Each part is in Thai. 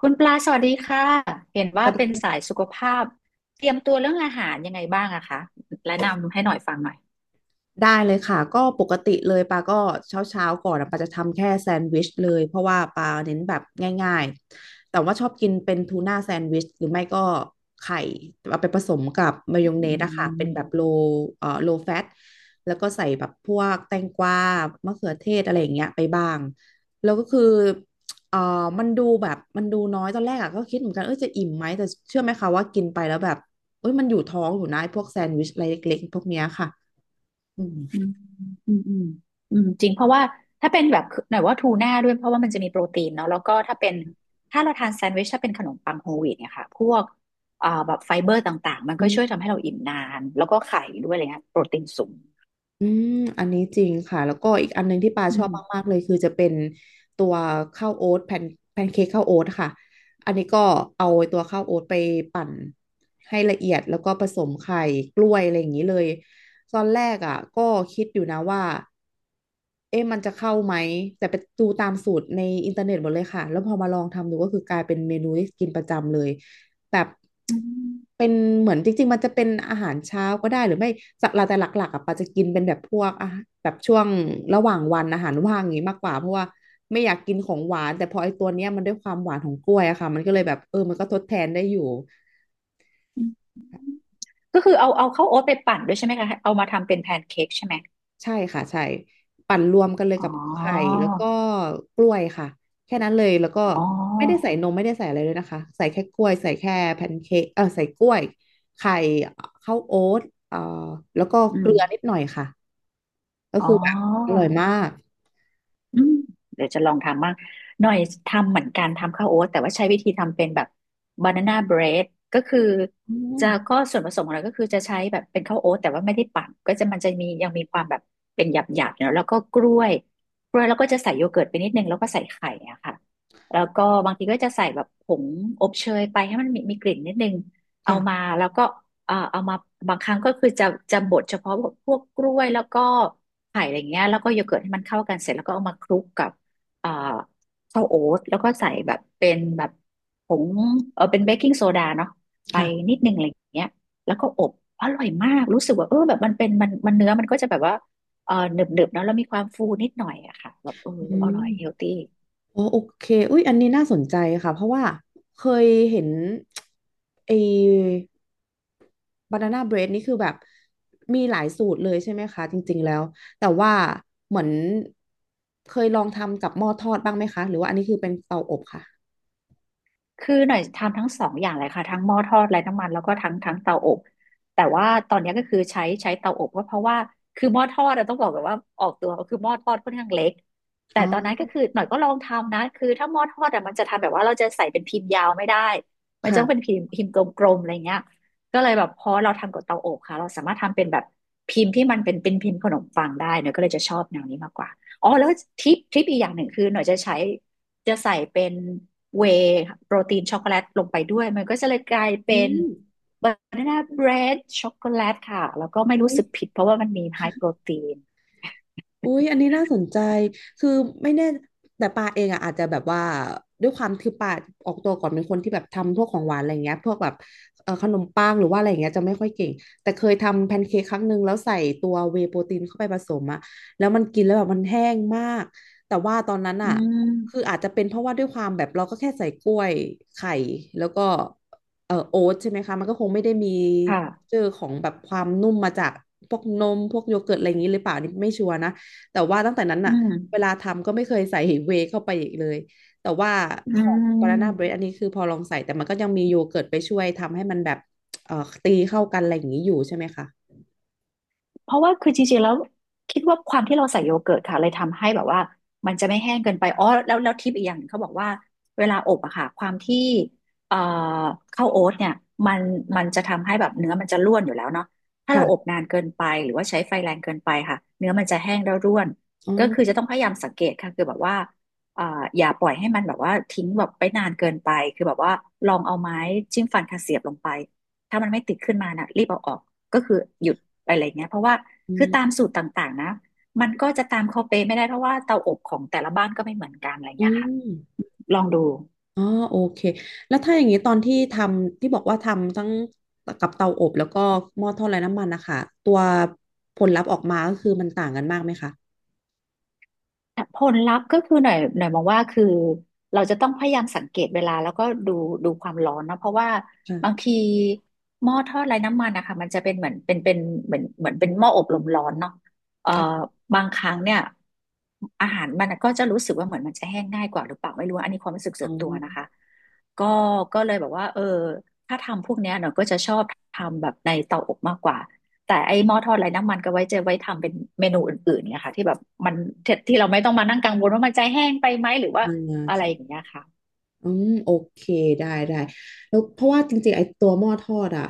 คุณปลาสวัสดีค่ะ เห็นสว่าวัสดีเป็นค่สายะสุขภาพ เตรียมตัวเรื่องอาหารยังไงบ้างอะคะแนะนำให้หน่อยฟังหน่อยได้เลยค่ะก็ปกติเลยปาก็เช้าเช้าก่อนอะปาจะทำแค่แซนด์วิชเลยเพราะว่าปาเน้นแบบง่ายๆแต่ว่าชอบกินเป็นทูน่าแซนด์วิชหรือไม่ก็ไข่เอาไปผสมกับมายองเนอืสอะค่ะเป็นแบบมโลเอ่อโลแฟตแล้วก็ใส่แบบพวกแตงกวามะเขือเทศอะไรอย่างเงี้ยไปบ้างแล้วก็คือเอ่อมันดูแบบมันดูน้อยตอนแรกอะก็คิดเหมือนกันเออจะอิ่มไหมแต่เชื่อไหมคะว่ากินไปแล้วแบบเอ้ยมันอยู่ท้องอยู่นะไอ้พวกแซนด์วิชอะไรเล็กๆพวกเนี้ยค่ะ อืมอืมอืมอืมอืมจริงเพราะว่าถ้าเป็นแบบหน่อยว่าทูน่าด้วยเพราะว่ามันจะมีโปรตีนเนาะแล้วก็ถ้าเราทานแซนด์วิชถ้าเป็นขนมปังโฮลวีตเนี่ยค่ะพวกแบบไฟเบอร์ต่างๆมันอืก็ช่วยมทำให้เราอิ่มนานแล้วก็ไข่ด้วยอะไรเงี้ยโปรตีนสูงอืมอันนี้จริงค่ะ แล้วก็อีกอันหนึงที่ปาอืชอบมมากๆเลยคือจะเป็นตัวข้าวโอ๊ตแผ่นแพนเค้กข้าวโอ๊ตค่ะอันนี้ก็เอาตัวข้าวโอ๊ตไปปั่นให้ละเอียดแล้วก็ผสมไข่กล้วยอะไรอย่างนี้เลย ตอนแรกอ่ะก็คิดอยู่นะว่าเอ๊ะมันจะเข้าไหมแต่ไปดูตามสูตรในอินเทอร์เน็ตหมดเลยค่ะแล้วพอมาลองทำดูก็คือกลายเป็นเมนูที่กินประจำเลย แบบอืมเป็นเหมือนจริงๆมันจะเป็นอาหารเช้าก็ได้หรือไม่สักแต่หลักๆอ่ะปาจะกินเป็นแบบพวกอ่ะแบบช่วงระหว่างวันอาหารว่างอย่างงี้มากกว่าเพราะว่าไม่อยากกินของหวานแต่พอไอ้ตัวเนี้ยมันด้วยความหวานของกล้วยอะค่ะมันก็เลยแบบเออมันก็ทดแทนได้อยู่ก็คือเอาข้าวโอ๊ตไปปั่นด้วยใช่ไหมคะเอามาทำเป็นแพนเค้กใช่ไหมใช่ค่ะใช่ปั่นรวมกันเลยอ๋อ กับไข่แล้วก็กล้วยค่ะแค่นั้นเลยแล้วก็อ๋อไม่ได้ใส่นมไม่ได้ใส่อะไรเลยนะคะใส่แค่กล้วยใส่แค่แพนเค้กเออใส่กล้วยไข่ข้าวโอ๊ตเอ่อแล้วก็อืเกลือนิมดหน่อยค่ะ ก็อ๋คืออแบบอร่อยมากอืมเดี๋ยวจะลองทำบ้างหน่อยทำเหมือนกันทำข้าวโอ๊ตแต่ว่าใช้วิธีทำเป็นแบบบานาน่าเบรดก็คืออืมก็ส่วนผสมของเราก็คือจะใช้แบบเป็นข้าวโอ๊ตแต่ว่าไม่ได้ปั่นก็จะมันจะมียังมีความแบบเป็นหยาบหยาบอยู่แล้วแล้วก็กล้วยแล้วก็จะใส่โยเกิร์ตไปนิดนึงแล้วก็ใส่ไข่อะค่ะแล้วก็บางทีก็จะใส่แบบผงอบเชยไปให้มันมีกลิ่นนิดนึงเอามาค่ะแล้วก็ เอ่อเอามาบางครั้งก็คือจะบดเฉพาะพวกกล้วยแล้วก็ไข่อะไรเงี้ยแล้วก็โยเกิร์ตให้มันเข้ากันเสร็จแล้วก็เอามาคลุกกับเอ่อข้าวโอ๊ตแล้วก็ใส่แบบเป็นแบบผงเป็นเบกกิ้งโซดาเนาะไปค่ะนิดนึงอะไรเงี้ยแล้วก็อบอร่อยมากรู้สึกว่าแบบมันเป็นมันเนื้อมันก็จะแบบว่าหนึบๆเนอะแล้วมีความฟูนิดหน่อยอะค่ะแบบอือมร่อยเฮลตี้ อ๋อโอเคอุ้ยอันนี้น่าสนใจค่ะ เพราะว่าเคยเห็นไอ้บานาน่าเบรดนี่คือแบบมีหลายสูตรเลยใช่ไหมคะจริงๆแล้ว แต่ว่าเหมือนเคยลองทำกับหม้อทอดบ้างไหมคะ หรือว่าอันนี้คือเป็นเตาอบค่ะคือหน่อยทำทั้งสองอย่างเลยค่ะทั้งหม้อทอดไร้น้ำมันแล้วก็ทั้งเตาอบแต่ว่าตอนนี้ก็คือใช้เตาอบก็เพราะว่าคือหม้อทอดอะต้องบอกแบบว่าออกตัวคือหม้อทอดค่อนข้างเล็กแต่อ๋ตอนนั้นก็อคือหน่อยก็ลองทำนะคือถ้าหม้อทอดอะมันจะทำแบบว่าเราจะใส่เป็นพิมพ์ยาวไม่ได้มันจะต้องเป็นค่ะพิมพ์กลมๆอะไรเงี้ยก็เลยแบบพอเราทำกับเตาอบค่ะเราสามารถทำเป็นแบบพิมพ์ที่มันเป็นพิมพ์ขนมปังได้หน่อยก็เลยจะชอบแนวนี้มากกว่าอ๋อแล้วทริปอีกอย่างหนึ่งคือหน่อยจะใส่เป็น เวย์โปรตีนช็อกโกแลตลงไปด้วย มันก็จะเลยกลายอืเป็นม บานาน่าเบรดช็อกโกแลตค่ะ แล้วก็ไม่รู้สึกผิดเพราะว่ามันมีไฮโปรตีนอุ้ยอันนี้น่าสนใจคือไม่แน่แต่ปาเองอ่ะอาจจะแบบว่าด้วยความคือปาออกตัวก่อนเป็นคนที่แบบทำพวกของหวานอะไรเงี้ยพวกแบบขนมปังหรือว่าอะไรเงี้ยจะไม่ค่อยเก่งแต่เคยทำแพนเค้กครั้งหนึ่งแล้วใส่ตัวเวย์โปรตีนเข้าไปผสมอะแล้วมันกินแล้วแบบมันแห้งมาก แต่ว่าตอนนั้นอือ่ะคือมอาจจะเป็นเพราะว่าด้วยความแบบเราก็แค่ใส่กล้วยไข่แล้วก็โอ๊ตใช่ไหมคะมันก็คงไม่ได้มีค่ะเจอของแบบความนุ่มมาจากพวกนมพวกโยเกิร์ตอะไรอย่างนี้หรือเปล่านี่ไม่ชัวร์นะ แต่ว่าตั้งแต่นั้นอืน่ะมเวลาทำก็ไม่เคยใส่เวย์เข้าไปอีกเลยแต่ว่าอืของ Banana Bread อัม นนี้คือพอลองใส่แต่มันก็ยังมีโยเกิร์ตไปช่วยทำให้มันแบบเอ่อตีเข้ากันอะไรอย่างนี้อยู่ใช่ไหมคะเพราะว่าคือจริงๆแล้วคิดว่าความที่เราใส่โยเกิร์ตค่ะเลยทำให้แบบว่ามันจะไม่แห้งเกินไปอ๋อแล้วทิปอีกอย่างหนึ่งเขาบอกว่าเวลาอบอะค่ะความที่เอ่อข้าวโอ๊ตเนี่ยมันมันจะทำให้แบบเนื้อมันจะร่วนอยู่แล้วเนาะถ้าเราอบค่ะนานเกินไปหรือว่าใช้ไฟแรงเกินไปค่ะเนื้อมันจะแห้งแล้วร่วนอ๋ก็คืออจะต้องพยายามสังเกตค่ะคือแบบว่าอย่าปล่อยให้มันแบบว่าทิ้งแบบไปนานเกินไปคือแบบว่าลองเอาไม้จิ้มฟันค่ะเสียบลงไปถ้ามันไม่ติดขึ้นมาน่ะรีบเอาออก ก็คือหยุดไปอะไรเงี้ยเพราะว่าอืคือมตามสูตรต่างๆนะมันก็จะตามเขาเป๊ะไม่ได้เพราะว่าเตาอบของแต่ละบ้านก็ไม่เหมือนกันอะไรอืเงี้ยค่ะมลองดู อ๋อโอเคแล้วถ้าอย่างนี้ตอนที่ทำที่บอกว่าทำทั้งกับเตาอบแล้วก็หม้อทอดไร้น้ำมันนะคะตัวผลลัพธ์ออกมาก็คือมันต่างกันมากไหมคะผลลัพธ์ก็คือหน่อยมองว่าคือเราจะต้องพยายามสังเกตเวลาแล้วก็ดูความร้อนนะเพราะว่าบางค่ะทีหม้อทอดไร้น้ำมันนะคะมันจะเป็นเหมือนเป็นเหมือนเป็นหม้ออบลมร้อนเนาะเอ่อค่ะบางครั้งเนี่ยอาหารมันก็จะรู้สึกว่าเหมือนมันจะแห้งง่ายกว่าหรือเปล่าไม่รู้อันนี้ความรู้สึกอ๋ส่อวนตัวนะคะก็ก็เลยแบบว่าถ้าทำพวกเนี้ยหน่อยก็จะชอบทำแบบในเตาอบมากกว่า แต่ไอ้หม้อทอดไร้น้ำมันก็ไว้ทำเป็นเมนูอื่นๆนะคะที่แบบมันที่เราไม่ต้องมานั่งกังวลว่ามันจะแห้งไปไหมหรือว่าอ่อะไรอย่างา เงี้ยค่ะอืมโอเคได้ได้แล้วเพราะว่าจริงๆไอ้ตัวหม้อทอดอ่ะ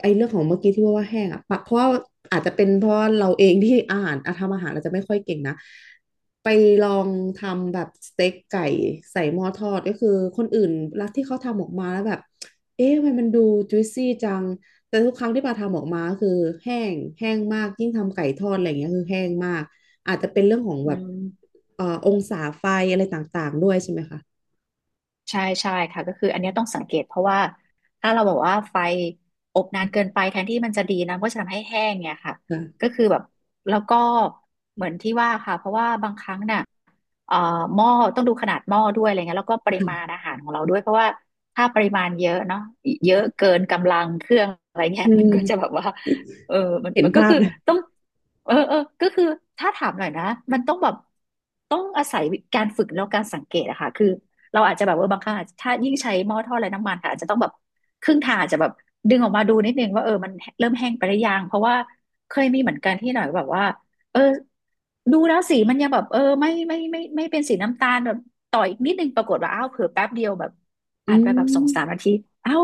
ไอ้เรื่องของเมื่อกี้ที่ว่าแห้งอ่ะปะเพราะว่าอาจจะเป็นเพราะเราเองที่อาหารอ่ะทำอาหารอาจจะไม่ค่อยเก่งนะไปลองทำแบบสเต็กไก่ใส่หม้อทอดก็คือคนอื่นรัลที่เขาทำออกมาแล้วแบบเอ๊ะทำไมมันดูจุยซี่จังแต่ทุกครั้งที่ปาทำออกมาก็คือแห้งแห้งมากยิ่งทำไก่ทอดอะไรอย่างเงี้ยคือแห้งมากอาจจะเป็นเรื่องของอืแบบม องศาไฟอะไรต่างๆด้วยใช่ไหมคะใช่ใช่ค่ะก็คืออันเนี้ยต้องสังเกตเพราะว่าถ้าเราบอกว่าไฟอบนานเกินไปแทนที่มันจะดีนะมันก็จะทำให้แห้งเนี่ยค่ะค่ก็คือแบบแล้วก็เหมือนที่ว่าค่ะเพราะว่าบางครั้งน่ะเอ่อหม้อต้องดูขนาดหม้อด้วยอะไรเงี้ยแล้วก็ปริมาณะ อาหารของเราด้วยเพราะว่าถ้าปริมาณเยอะเนาะเยอะเกินกำลังเครื่องอะไรเงี้ยอืมันก็จะแบมบว่าเออมันเห็นมันก็ภาพคือเลยต้องเออก็คือถ้าถามหน่อยนะมันต้องแบบต้องอาศัยการฝึกแล้วการสังเกตอะค่ะคือ เราอาจจะแบบเออบางครั้งะถ้ายิ่งใช้หม้อทอดไร้น้ำมันค่ะอาจจะต้องแบบครึ่งทางอาจจะแบบดึงออกมาดูนิดนึงว่าเออมันเริ่มแห้งไปหรือยังเพราะว่าเคยมีเหมือนกันที่หน่อยแบบว่าเออดูแล้วสีมันยังแบบเออไม่เป็นสีน้ำตาลแบบต่ออีกนิดนึงปรากฏว่าอ้าวเผลอแป๊บเดียวแบบอืผ่านไปแบบสองสามมนาทีอ้าว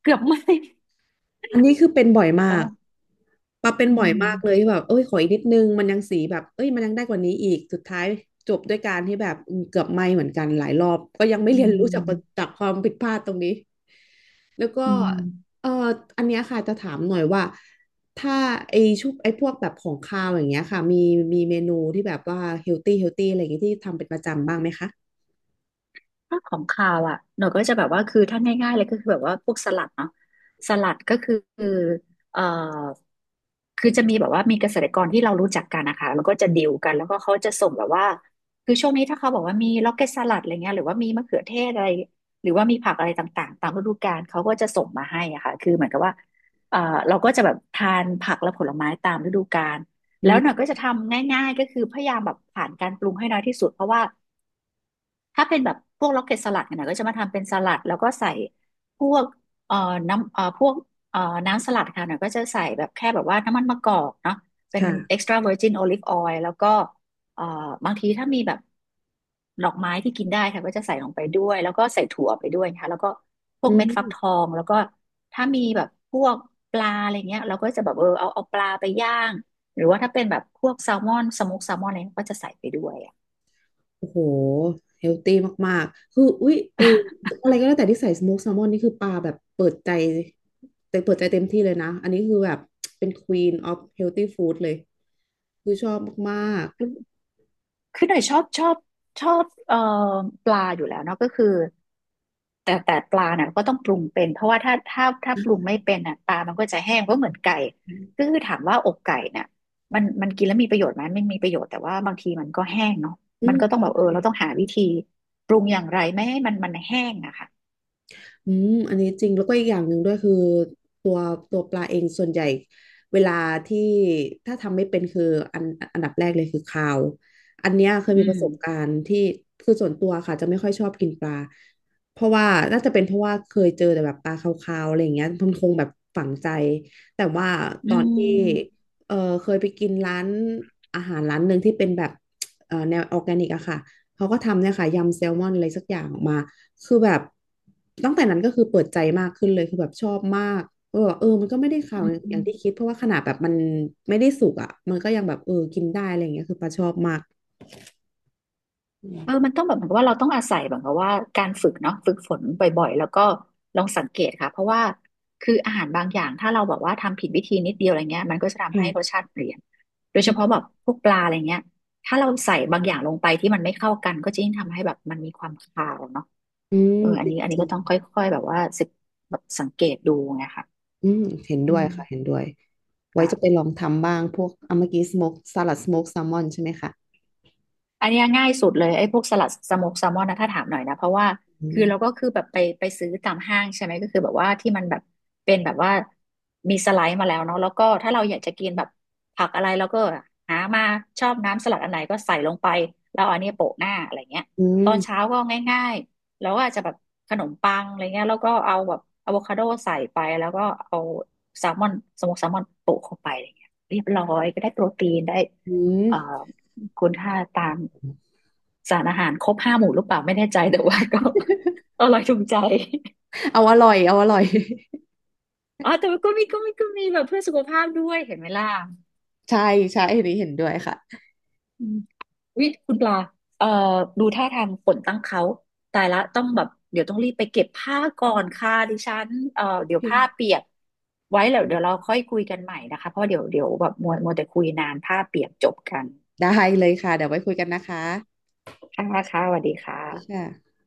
เกือบไหมอันนี้คือเป็นบ่อยมากเออปาเป็นอืบ่อยมากเลยมที่แบบเอ้ยขออีกนิดนึงมันยังสีแบบเอ้ยมันยังได้กว่านี้อีก สุดท้ายจบด้วยการที่แบบอืมเกือบไหม้เหมือนกันหลายรอบ ก็ยังไม่อืเรียนรู้จากมความผิดพลาดตรงนี้ แล้วก็อืมเอ่ออันเนี้ยค่ะจะถามหน่อยว่า ถ้าไอชุบไอพวกแบบของคาวอย่างเงี้ยค่ะมีเมนูที่แบบว่าเฮลตี้เฮลตี้อะไรอย่างเงี้ยที่ทำเป็นประจำบ้างไหมคะถ้าของคาวอ่ะหนูก็จะแบบว่าคือถ้าง่ายๆเลยก็คือแบบว่าพวกสลัดเนาะสลัดก็คือเอ่อ คือจะมีแบบว่ามีเกษตรกรที่เรารู้จักกันนะคะแล้วก็จะดีลกันแล้วก็เขาจะส่งแบบว่าคือช่วงนี้ถ้าเขาบอกว่ามีล็อกเก็ตสลัดอะไรเงี้ยหรือว่ามีมะเขือเทศอะไรหรือว่ามีผักอะไรต่างๆตามฤดูกาลเขาก็จะส่งมาให้อะค่ะคือเหมือนกับว่าเอ่อเราก็จะแบบทานผักและผลไม้ตามฤดูกาลอืแล้วหน่อยมก็จะทำง่ายๆก็คือพยายามแบบผ่านการปรุงให้น้อยที่สุดเพราะว่า ถ้าเป็นแบบพวกล็อกเก็ตสลัดเนี่ยนะก็จะมาทำเป็นสลัดแล้วก็ใส่พวกเอ่อน้ำพวกเอ่อน้ำสลัดค่ะเน่ยก็จะใส่แบบแค่แบบว่าน้ำมันมะกอกเนาะเป็น ค่ะ extra virgin olive oil แล้วก็เอ่อบางทีถ้ามีแบบดอกไม้ที่กินได้ค่ะก็จะใส่ลงไปด้วยแล้วก็ใส่ถั่วไปด้วยนะคะแล้วก็พวอืกเม็ดฟักทอม งแล้วก็ถ้ามีแบบพวกปลาอะไรเงี้ยเราก็จะแบบเออเอาปลาไปย่างหรือว่าถ้าเป็นแบบพวกแซลมอนสโมกแซลมอนอะไรก็จะใส่ไปด้วยอะ โอ้โหเฮลตี้มากๆคืออุ๊ยเอออะไรก็แล้วแต่ที่ใส่สโมกแซลมอนนี่คือปลาแบบเปิดใจแต่เปิดใจเต็มที่เลยนะ อันนี้คือแบบเป็น Queen of Healthy Food เลย คือชอบมากคือหน่อยชอบปลาอยู่แล้วเนาะก็คือแต่ปลาน่ะก็ต้องปรุงเป็นเพราะว่าถ้าปรุงไม่เป็นน่ะปลามันก็จะแห้งก็เหมือนไก่ๆก็คือถามว่าอกไก่น่ะมันกินแล้วมีประโยชน์ไหมไม่มีประโยชน์แต่ว่าบางทีมันก็แห้งเนาะอืมันก็ต้อม งแบบเออเราต้องหาวิธีปรุงอย่างไรไม่ให้มันแห้งอะค่ะอืมอันนี้จริงแล้วก็อีกอย่างหนึ่งด้วยคือตัวตัวปลาเองส่วนใหญ่เวลาที่ถ้าทำไม่เป็นคืออันอันดับแรกเลยคือคาวอันเนี้ยเคยอืมีปมระสบการณ์ที่คือส่วนตัวค่ะจะไม่ค่อยชอบกินปลาเพราะว่าน่าจะเป็นเพราะว่าเคยเจอแต่แบบปลาคาวๆอะไรอย่างเงี้ยมันคงแบบฝังใจแต่ว่าอตอนที่ืเออเคยไปกินร้านอาหารร้านหนึ่งที่เป็นแบบแนวออร์แกนิกอะค่ะเขาก็ทำเนี่ยค่ะยำแซลมอนอะไรสักอย่างออกมา คือแบบตั้งแต่นั้นก็คือเปิดใจมากขึ้นเลยคือแบบชอบมากก็แบบมันก็ไม่ได้ข่าวอย่างที่ม คิดเพราะว่าขนาดแบบมันไม่ได้สุกอ่ะมันก็ยังแบบกินได้อะไรอย่างเงี้ยคือปลาชอบมากอืเอมอมันต้องแบบเหมือนกับว่าเราต้องอาศัยแบบกับว่าการฝึกเนาะฝึกฝนบ่อยๆแล้วก็ลองสังเกตค่ะเพราะว่าคืออาหารบางอย่างถ้าเราแบบว่าทำผิดวิธีนิดเดียวอะไรเงี้ยมันก็จะทำให้รสค่ะชาติเปลี่ยนโดยเฉอืพาะแบบพวกปลาอะไรเงี้ยถ้าเราใส่บางอย่างลงไปที่มันไม่เข้ากันก็จะยิ่งทำให้แบบมันมีความคาวเนาะอืมเออจอันนี้ริก็งต้องค่อยๆแบบว่าสึกแบบสังเกตดูไงค่ะๆอืมเห็นด้อืวยค่ะเห็นมด้วยไว้ค่ะ จะไปลองทำบ้างพวกอ่ะเมื่อกี้สโมกสลัดสโมกแซลมอนใช่ไหมคะอันเนี้ยง่ายสุดเลยไอ้พวกสลัดสโมกแซลมอนนะถ้าถามหน่อยนะเพราะว่าอืคือเราก็มคือแบบไปซื้อตามห้างใช่ไหมก็คือแบบว่าที่มันแบบเป็นแบบว่ามีสไลด์มาแล้วเนาะแล้วก็ถ้าเราอยากจะกินแบบผักอะไรเราก็หามาชอบน้ำสลัดอันไหนก็ใส่ลงไปแล้วเอาอันเนี้ยโปะหน้าอะไรเงี้ยอืตอนเช้ามก็ง่ายๆแล้วก็อาจจะแบบขนมปังอะไรเงี้ยแล้วก็เอาแบบอะโวคาโดใส่ไปแล้วก็เอาแซลมอนสโมกแซลมอนโปะเข้าไปอะไรเงี้ยเรียบร้อยก็ได้โปรตีนได้อืเอ่อ มคุณค่าตามสารอาหารครบห้าหมู่หรือเปล่าไม่แน่ใจแต่ว่าก็ อร่อยถูกใจ เอาอร่อยเอาอร่อย อ๋อแต่ว่าก็มีแบบเพื่อสุขภาพด้วยเห็นไหมล่ะ ใช่ใช่อันนี้เห็นด้วยค่ะอืมวิคุณปลาเอ่อดูท่าทางฝนตั้งเขาตายละต้องแบบเดี๋ยวต้องรีบไปเก็บผ้าก่อนค่ะดิฉันโอเดี๋ยเควผ้าเปียกไว้แล้วเดี๋ยวเราค่อยคุยกันใหม่นะคะเพราะเดี๋ยวแบบมัวแต่คุยนานผ้าเปียกจบกันได้เลยค่ะเดี๋ยวไว้คุยกันนะคะค่ะค่ะสวัสดีคสวัสดี่ะค่ะ